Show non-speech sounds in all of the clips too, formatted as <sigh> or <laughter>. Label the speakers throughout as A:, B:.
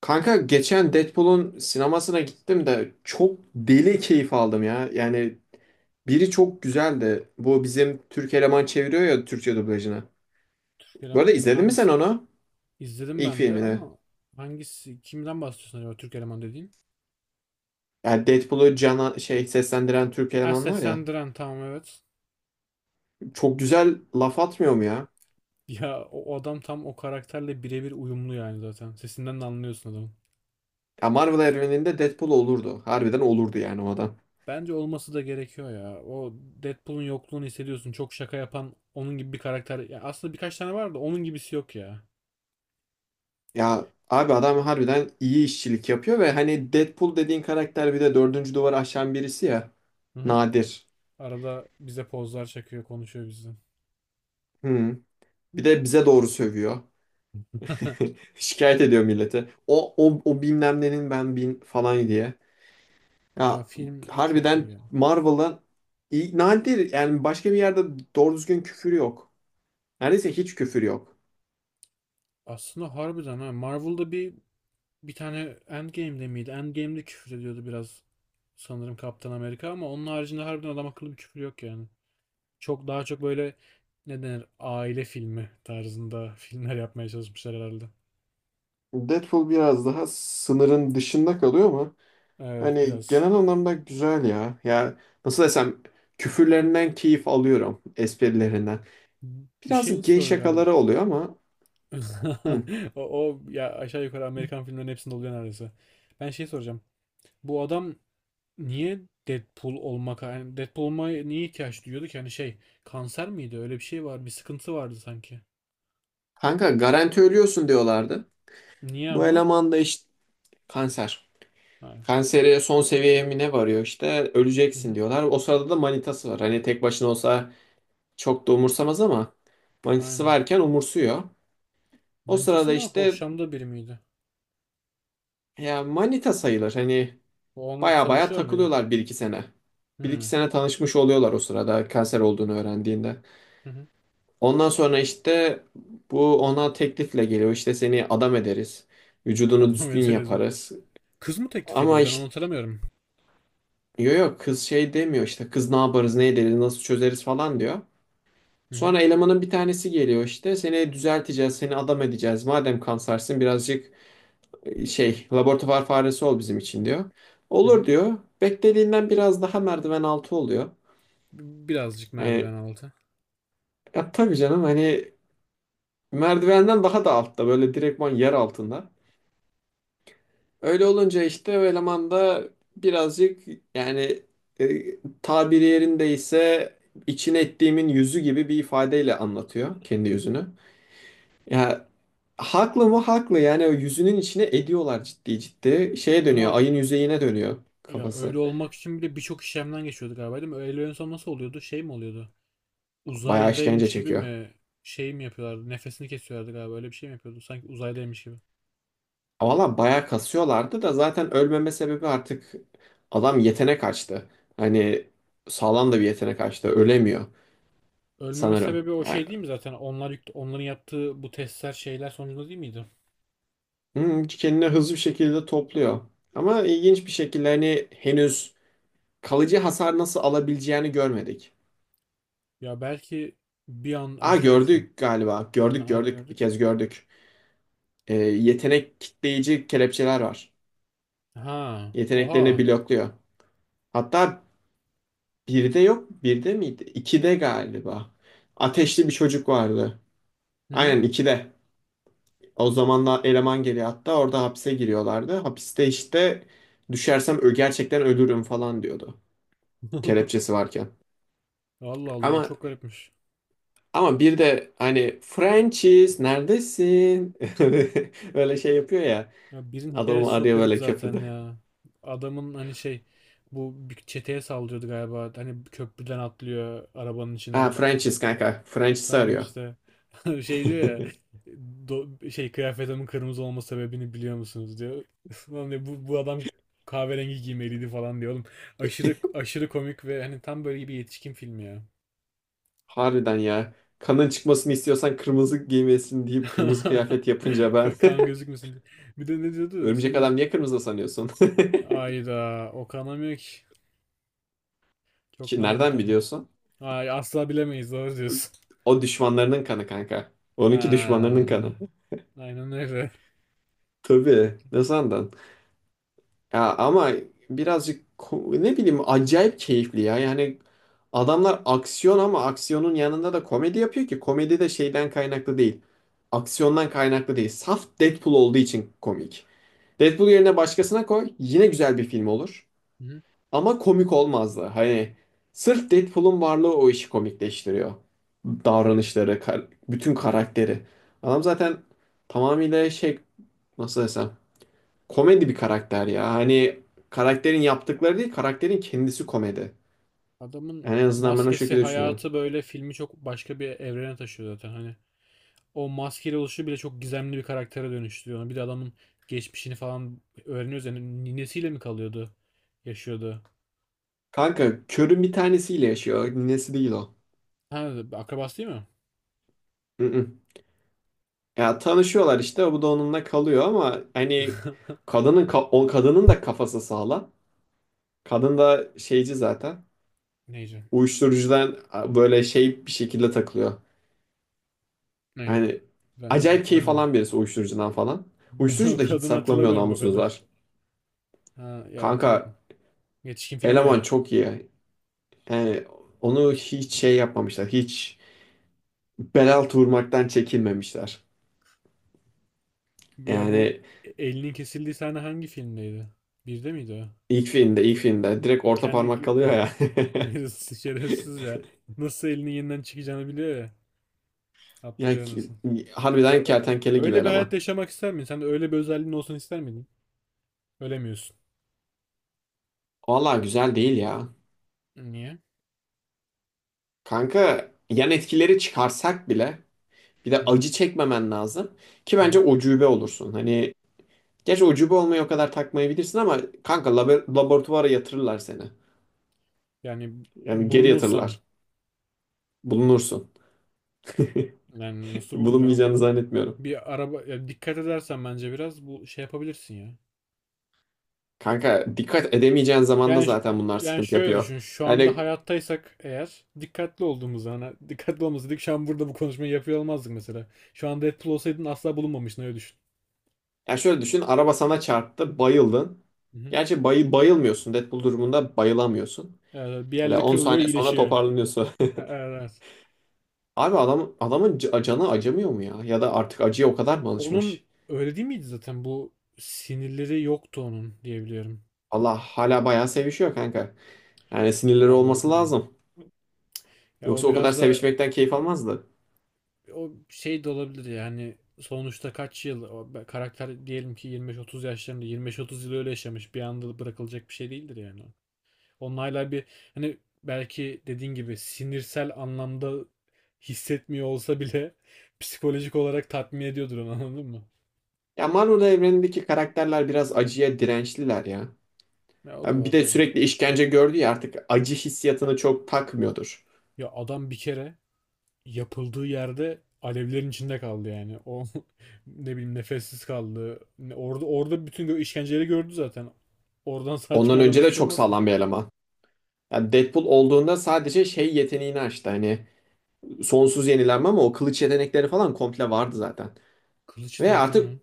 A: Kanka geçen Deadpool'un sinemasına gittim de çok deli keyif aldım ya. Yani biri çok güzeldi. Bu bizim Türk eleman çeviriyor ya Türkçe dublajını. Bu arada
B: Eleman
A: izledin mi sen
B: hangisi?
A: onu?
B: İzledim
A: İlk
B: ben de
A: filmini.
B: ama hangisi kimden bahsediyorsun acaba Türk eleman dediğin?
A: Yani Deadpool'u cana şey seslendiren Türk
B: Ha,
A: eleman var ya.
B: seslendiren tamam evet.
A: Çok güzel laf atmıyor mu ya?
B: Ya o adam tam o karakterle birebir uyumlu yani zaten. Sesinden de anlıyorsun adamın.
A: Ya Marvel evreninde Deadpool olurdu. Harbiden olurdu yani o adam.
B: Bence olması da gerekiyor ya. O Deadpool'un yokluğunu hissediyorsun. Çok şaka yapan onun gibi bir karakter. Ya aslında birkaç tane var da onun gibisi yok ya.
A: Ya abi adam harbiden iyi işçilik yapıyor ve hani Deadpool dediğin karakter bir de dördüncü duvarı aşan birisi ya.
B: Hı hı.
A: Nadir.
B: Arada bize pozlar çekiyor, konuşuyor bizden.
A: Hı. Bir de bize doğru sövüyor. <laughs>
B: <laughs>
A: Şikayet ediyor millete. O bilmem nenin ben bin falan diye.
B: Ya
A: Ya
B: film çok iyi
A: harbiden
B: yani.
A: Marvel'ın nadir yani başka bir yerde doğru düzgün küfür yok. Neredeyse hiç küfür yok.
B: Aslında harbiden, ha, Marvel'da bir. Bir tane. Endgame'de miydi? Endgame'de küfür ediyordu biraz sanırım, Kaptan Amerika, ama onun haricinde harbiden adam akıllı bir küfür yok yani. Çok daha çok böyle, ne denir, aile filmi tarzında <laughs> filmler yapmaya çalışmışlar herhalde.
A: Deadpool biraz daha sınırın dışında kalıyor ama
B: Evet,
A: hani
B: biraz.
A: genel anlamda güzel ya. Ya nasıl desem küfürlerinden keyif alıyorum, esprilerinden.
B: Bir şey
A: Biraz gay
B: soracağım.
A: şakaları oluyor ama hı.
B: <laughs> O ya aşağı yukarı Amerikan filmlerin hepsinde oluyor neredeyse. Ben şey soracağım. Bu adam niye Deadpool olmak yani Deadpool olmaya niye ihtiyaç duyuyordu ki? Hani şey, kanser miydi? Öyle bir şey var. Bir sıkıntı vardı sanki.
A: Kanka garanti ölüyorsun diyorlardı.
B: Niye
A: Bu
B: ama?
A: eleman da işte kanser.
B: Ha,
A: Kanseri son seviyeye mi ne varıyor işte
B: hı
A: öleceksin
B: hı.
A: diyorlar. O sırada da manitası var. Hani tek başına olsa çok da umursamaz ama manitası
B: Aynen.
A: varken umursuyor. O
B: Manitası
A: sırada
B: mı?
A: işte
B: Hoşlandığı biri miydi?
A: ya manita sayılır. Hani
B: O onunla
A: baya baya
B: tanışıyor muydu?
A: takılıyorlar bir iki sene. Bir iki
B: Hı.
A: sene tanışmış oluyorlar o sırada kanser olduğunu öğrendiğinde.
B: Hı hı.
A: Ondan sonra işte bu ona teklifle geliyor. İşte seni adam ederiz. Vücudunu
B: Adam
A: düzgün
B: ederiz mi?
A: yaparız.
B: Kız mı teklif
A: Ama
B: ediyordu? Ben onu
A: işte.
B: hatırlamıyorum.
A: Yok, yok, kız şey demiyor işte kız ne yaparız ne ederiz nasıl çözeriz falan diyor.
B: Hı hı.
A: Sonra elemanın bir tanesi geliyor işte seni düzelteceğiz seni adam edeceğiz. Madem kansersin birazcık şey laboratuvar faresi ol bizim için diyor.
B: Hı
A: Olur
B: hı.
A: diyor. Beklediğinden biraz daha merdiven altı oluyor.
B: Birazcık
A: Yani
B: merdiven altı.
A: ya tabii canım hani merdivenden daha da altta böyle direktman yer altında. Öyle olunca işte o eleman da birazcık yani tabiri yerindeyse içine ettiğimin yüzü gibi bir ifadeyle anlatıyor kendi yüzünü. Ya haklı mı haklı yani o yüzünün içine ediyorlar ciddi ciddi. Şeye dönüyor
B: Ama
A: ayın yüzeyine dönüyor
B: ya
A: kafası.
B: öyle olmak için bile birçok işlemden geçiyorduk galiba, değil mi? Öyle en son nasıl oluyordu? Şey mi oluyordu?
A: Bayağı işkence
B: Uzaydaymış gibi
A: çekiyor.
B: mi, şey mi yapıyorlardı? Nefesini kesiyorlardı galiba. Öyle bir şey mi yapıyordu? Sanki uzaydaymış gibi.
A: Valla bayağı kasıyorlardı da zaten ölmeme sebebi artık adam yetenek açtı. Hani sağlam da bir yetenek açtı ölemiyor
B: Ölmeme
A: sanırım.
B: sebebi o
A: Yani
B: şey değil mi zaten? Onların yaptığı bu testler şeyler sonucunda değil miydi?
A: Kendini hızlı bir şekilde topluyor. Ama ilginç bir şekilde hani henüz kalıcı hasar nasıl alabileceğini görmedik.
B: Ya belki bir an hani
A: Aa
B: şöyle düşün.
A: gördük galiba. Gördük,
B: Nerede
A: gördük. Bir
B: gördük?
A: kez gördük. Yetenek kitleyici kelepçeler var.
B: Ha, oha.
A: Yeteneklerini blokluyor. Hatta birde yok. Birde miydi? İkide galiba. Ateşli bir çocuk vardı.
B: Hı hı.
A: Aynen ikide. O zamanlar eleman geliyor hatta orada hapse giriyorlardı. Hapiste işte düşersem gerçekten ölürüm falan diyordu.
B: <laughs>
A: Kelepçesi varken.
B: Allah Allah, o
A: Ama
B: çok garipmiş.
A: Ama bir de hani Francis neredesin? <laughs> Böyle şey yapıyor ya.
B: Ya birinin hikayesi
A: Adamı
B: çok
A: arıyor
B: garip
A: böyle
B: zaten
A: köprüde.
B: ya. Adamın hani şey, bu bir çeteye saldırıyordu galiba. Hani köprüden atlıyor arabanın
A: Ha
B: içine.
A: Francis kanka. Francis
B: Tamam
A: arıyor.
B: işte. <laughs> Şey diyor ya,
A: <laughs>
B: şey kıyafetimin kırmızı olma sebebini biliyor musunuz, diyor. <laughs> Lan diyor, bu adam kahverengi giymeliydi falan diyor oğlum. Aşırı aşırı komik ve hani tam böyle bir yetişkin filmi ya.
A: Harbiden ya. Kanın çıkmasını istiyorsan kırmızı giymesin deyip kırmızı
B: <laughs>
A: kıyafet yapınca ben
B: Kan gözükmesin diye. Bir de ne
A: <laughs>
B: diyordu?
A: örümcek
B: Senin
A: adam niye kırmızı sanıyorsun? <laughs>
B: ayda o kanamıyor ki. Çok
A: Ki
B: nadir
A: nereden
B: kanıyor.
A: biliyorsun?
B: Ay asla bilemeyiz, doğru diyorsun.
A: O düşmanlarının kanı kanka. Onunki
B: Ha,
A: düşmanlarının kanı. <laughs>
B: aynen öyle.
A: Tabii. Ne sandın? Ya ama birazcık ne bileyim acayip keyifli ya. Yani adamlar aksiyon ama aksiyonun yanında da komedi yapıyor ki komedi de şeyden kaynaklı değil. Aksiyondan kaynaklı değil. Saf Deadpool olduğu için komik. Deadpool yerine başkasına koy yine güzel bir film olur.
B: Hı.
A: Ama komik olmazdı. Hani sırf Deadpool'un varlığı o işi komikleştiriyor. Davranışları, bütün karakteri. Adam zaten tamamıyla şey nasıl desem komedi bir karakter ya. Hani karakterin yaptıkları değil, karakterin kendisi komedi.
B: Adamın
A: Yani en azından ben o
B: maskesi
A: şekilde düşünüyorum.
B: hayatı böyle filmi çok başka bir evrene taşıyor zaten. Hani o maskeyle oluşu bile çok gizemli bir karaktere dönüştürüyor onu. Bir de adamın geçmişini falan öğreniyoruz. Yani ninesiyle mi kalıyordu? Yaşıyordu.
A: Kanka körün bir tanesiyle yaşıyor. Ninesi değil o.
B: Ha, akrabası değil mi?
A: Mm-mm. Ya tanışıyorlar işte. Bu da onunla kalıyor ama hani
B: <laughs>
A: kadının o kadının da kafası sağlam. Kadın da şeyci zaten.
B: Neyse.
A: Uyuşturucudan böyle şey bir şekilde takılıyor.
B: Ne?
A: Yani
B: Ben
A: acayip keyif
B: hatırlamıyorum.
A: alan
B: <laughs>
A: birisi uyuşturucudan falan.
B: Ben o
A: Uyuşturucu da hiç
B: kadını
A: saklamıyor
B: hatırlamıyorum o kadar.
A: namussuzlar.
B: Ha ya
A: Kanka
B: tabii. Yetişkin filmi
A: eleman
B: ya.
A: çok iyi. Yani onu hiç şey yapmamışlar. Hiç bel altı vurmaktan çekinmemişler.
B: Ya bu,
A: Yani
B: elinin kesildiği sahne hangi filmdeydi? Birde miydi o?
A: ilk filmde ilk filmde direkt orta parmak
B: Kendi
A: kalıyor ya.
B: <laughs>
A: <laughs>
B: yarısı şerefsiz ya. Nasıl elinin yeniden çıkacağını biliyor ya.
A: Yani
B: Atlıyor nasıl.
A: harbiden kertenkele gibi
B: Öyle bir hayat
A: eleman.
B: yaşamak ister miydin? Sen de öyle bir özelliğin olsun ister miydin? Ölemiyorsun.
A: Vallahi güzel değil ya.
B: Niye?
A: Kanka yan etkileri çıkarsak bile bir
B: Hı
A: de
B: hı.
A: acı çekmemen lazım ki
B: Hı
A: bence
B: hı.
A: ucube olursun. Hani gerçi ucube olmayı o kadar takmayabilirsin ama kanka laboratuvara yatırırlar seni.
B: Yani
A: Yani geri
B: bulunursan
A: yatırırlar. Bulunursun.
B: yani
A: <laughs>
B: nasıl bulunacaksın
A: Bulunmayacağını
B: oğlum?
A: zannetmiyorum.
B: Bir araba ya dikkat edersen bence biraz bu şey yapabilirsin ya.
A: Kanka dikkat edemeyeceğin zaman da
B: Yani
A: zaten bunlar
B: yani
A: sıkıntı
B: şöyle
A: yapıyor.
B: düşün. Şu anda
A: Yani
B: hayattaysak eğer dikkatli olduğumuz, hani dikkatli olmasaydık şu an burada bu konuşmayı yapıyor olmazdık mesela. Şu an Deadpool olsaydın asla bulunmamıştın, öyle düşün.
A: ya şöyle düşün araba sana çarptı bayıldın.
B: Hı hı.
A: Gerçi bayılmıyorsun Deadpool durumunda bayılamıyorsun.
B: Bir
A: Hele
B: yerleri
A: 10
B: kırılıyor,
A: saniye sonra
B: iyileşiyor.
A: toparlanıyorsun.
B: Evet. evet.
A: <laughs> Abi adam, adamın canı acımıyor mu ya? Ya da artık acıya o kadar mı alışmış?
B: Onun öyle değil miydi zaten? Bu sinirleri yoktu onun, diyebiliyorum.
A: Allah hala bayağı sevişiyor kanka. Yani sinirleri
B: Vallahi
A: olması
B: bilmiyorum.
A: lazım.
B: Ya o
A: Yoksa o kadar
B: biraz da
A: sevişmekten keyif almazdı.
B: o şey de olabilir yani. Sonuçta kaç yıl o karakter, diyelim ki 25-30 yaşlarında, 25-30 yıl öyle yaşamış, bir anda bırakılacak bir şey değildir yani. Onlarla bir, hani belki dediğin gibi sinirsel anlamda hissetmiyor olsa bile, <laughs> psikolojik olarak tatmin ediyordur onu, anladın mı?
A: Ya Marvel evrenindeki karakterler biraz acıya dirençliler ya.
B: Ya o da
A: Ya bir
B: var,
A: de
B: doğru.
A: sürekli işkence gördü ya artık acı hissiyatını çok takmıyordur.
B: Ya adam bir kere yapıldığı yerde alevlerin içinde kaldı yani. O <laughs> ne bileyim, nefessiz kaldı. Orada bütün işkenceleri gördü zaten. Oradan sağ çıkan
A: Ondan
B: adam
A: önce
B: hiçbir
A: de
B: şey
A: çok
B: olmaz ki.
A: sağlam bir eleman. Yani Deadpool olduğunda sadece şey yeteneğini açtı hani sonsuz yenilenme ama o kılıç yetenekleri falan komple vardı zaten.
B: Kılıç
A: Ve
B: yetenekleri
A: artık.
B: mi?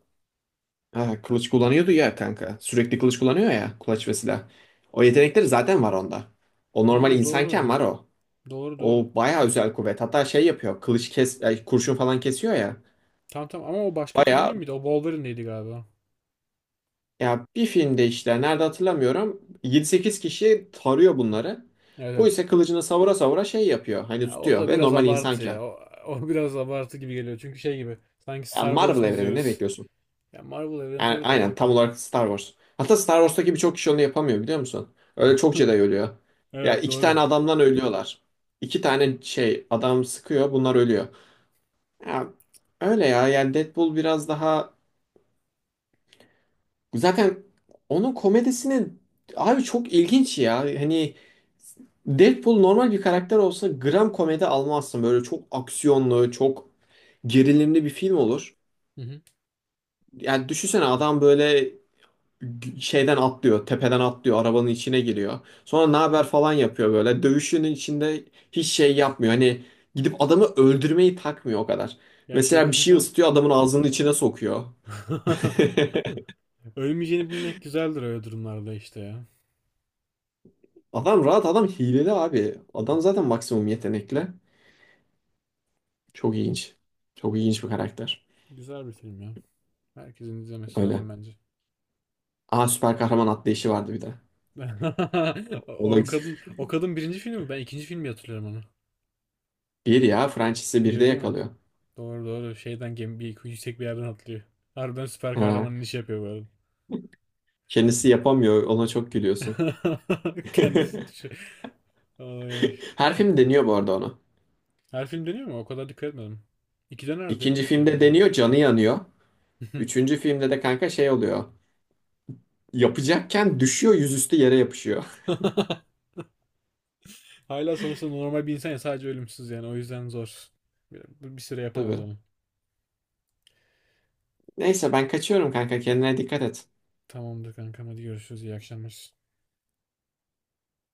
A: Ha, kılıç kullanıyordu ya kanka. Sürekli kılıç kullanıyor ya. Kulaç ve silah. O yetenekleri zaten var onda. O normal
B: Ha,
A: insanken
B: doğru.
A: var o.
B: Doğru, doğru.
A: O bayağı özel kuvvet. Hatta şey yapıyor. Kılıç kes, ay, kurşun falan kesiyor ya.
B: Tamam tamam, ama o başka film
A: Bayağı
B: değil miydi? O Wolverine'deydi galiba.
A: ya bir filmde işte nerede hatırlamıyorum. 7-8 kişi tarıyor bunları.
B: Evet,
A: Bu
B: evet.
A: ise kılıcını savura savura şey yapıyor. Hani
B: Ya o
A: tutuyor
B: da
A: ve
B: biraz
A: normal
B: abartı
A: insanken.
B: ya. O <laughs> biraz abartı gibi geliyor. Çünkü şey gibi. Sanki
A: Ya
B: Star Wars
A: Marvel
B: mu
A: evreni ne
B: izliyoruz?
A: bekliyorsun?
B: Ya Marvel evreni
A: Yani
B: tabii de
A: aynen
B: kanka.
A: tam olarak Star Wars. Hatta Star Wars'taki birçok kişi onu yapamıyor biliyor musun? Öyle çok Jedi
B: <laughs>
A: ölüyor. Ya
B: Evet,
A: iki
B: doğru.
A: tane adamdan ölüyorlar. İki tane şey adam sıkıyor bunlar ölüyor. Ya, öyle ya yani Deadpool biraz daha... Zaten onun komedisini abi çok ilginç ya. Hani Deadpool normal bir karakter olsa gram komedi almazsın. Böyle çok aksiyonlu, çok gerilimli bir film olur.
B: Hı hı.
A: Yani düşünsene adam böyle şeyden atlıyor, tepeden atlıyor, arabanın içine giriyor. Sonra ne
B: <laughs>
A: haber
B: Hı.
A: falan yapıyor böyle. Dövüşünün içinde hiç şey yapmıyor. Hani gidip adamı öldürmeyi takmıyor o kadar.
B: Ya şey
A: Mesela bir şey
B: düşünsene.
A: ısıtıyor adamın ağzının içine sokuyor. <laughs>
B: <laughs> Ölmeyeceğini bilmek güzeldir öyle durumlarda işte ya.
A: Adam rahat adam hileli abi. Adam zaten maksimum yetenekli. Çok ilginç. Çok ilginç bir karakter.
B: Güzel bir film ya. Herkesin izlemesi
A: Öyle.
B: lazım bence.
A: Aa süper kahraman atlayışı vardı bir de.
B: <laughs>
A: O
B: O
A: da
B: o kadın birinci filmi mi? Ben ikinci filmi hatırlıyorum onu.
A: bir ya Francis'i bir de
B: Bir değil mi?
A: yakalıyor.
B: Doğru, doğru. Şeyden gemi bir yüksek bir yerden atlıyor. Harbiden süper kahramanın
A: Ha,
B: işi yapıyor böyle.
A: kendisi yapamıyor ona çok gülüyorsun.
B: <laughs>
A: <laughs>
B: Kendisi düşüyor. Ay.
A: Her film deniyor bu arada onu.
B: Her film dönüyor mu? O kadar dikkat etmedim. İki döner de
A: İkinci
B: yapıyor ki
A: filmde
B: acaba.
A: deniyor canı yanıyor. Üçüncü filmde de kanka şey oluyor. Yapacakken düşüyor yüzüstü yere yapışıyor.
B: <laughs> Hala sonuçta normal bir insan ya, sadece ölümsüz yani o yüzden zor. Bir süre
A: <laughs>
B: yapamaz
A: Tabii.
B: onu.
A: Neyse ben kaçıyorum kanka kendine dikkat et.
B: Tamamdır kankam, hadi görüşürüz, iyi akşamlar.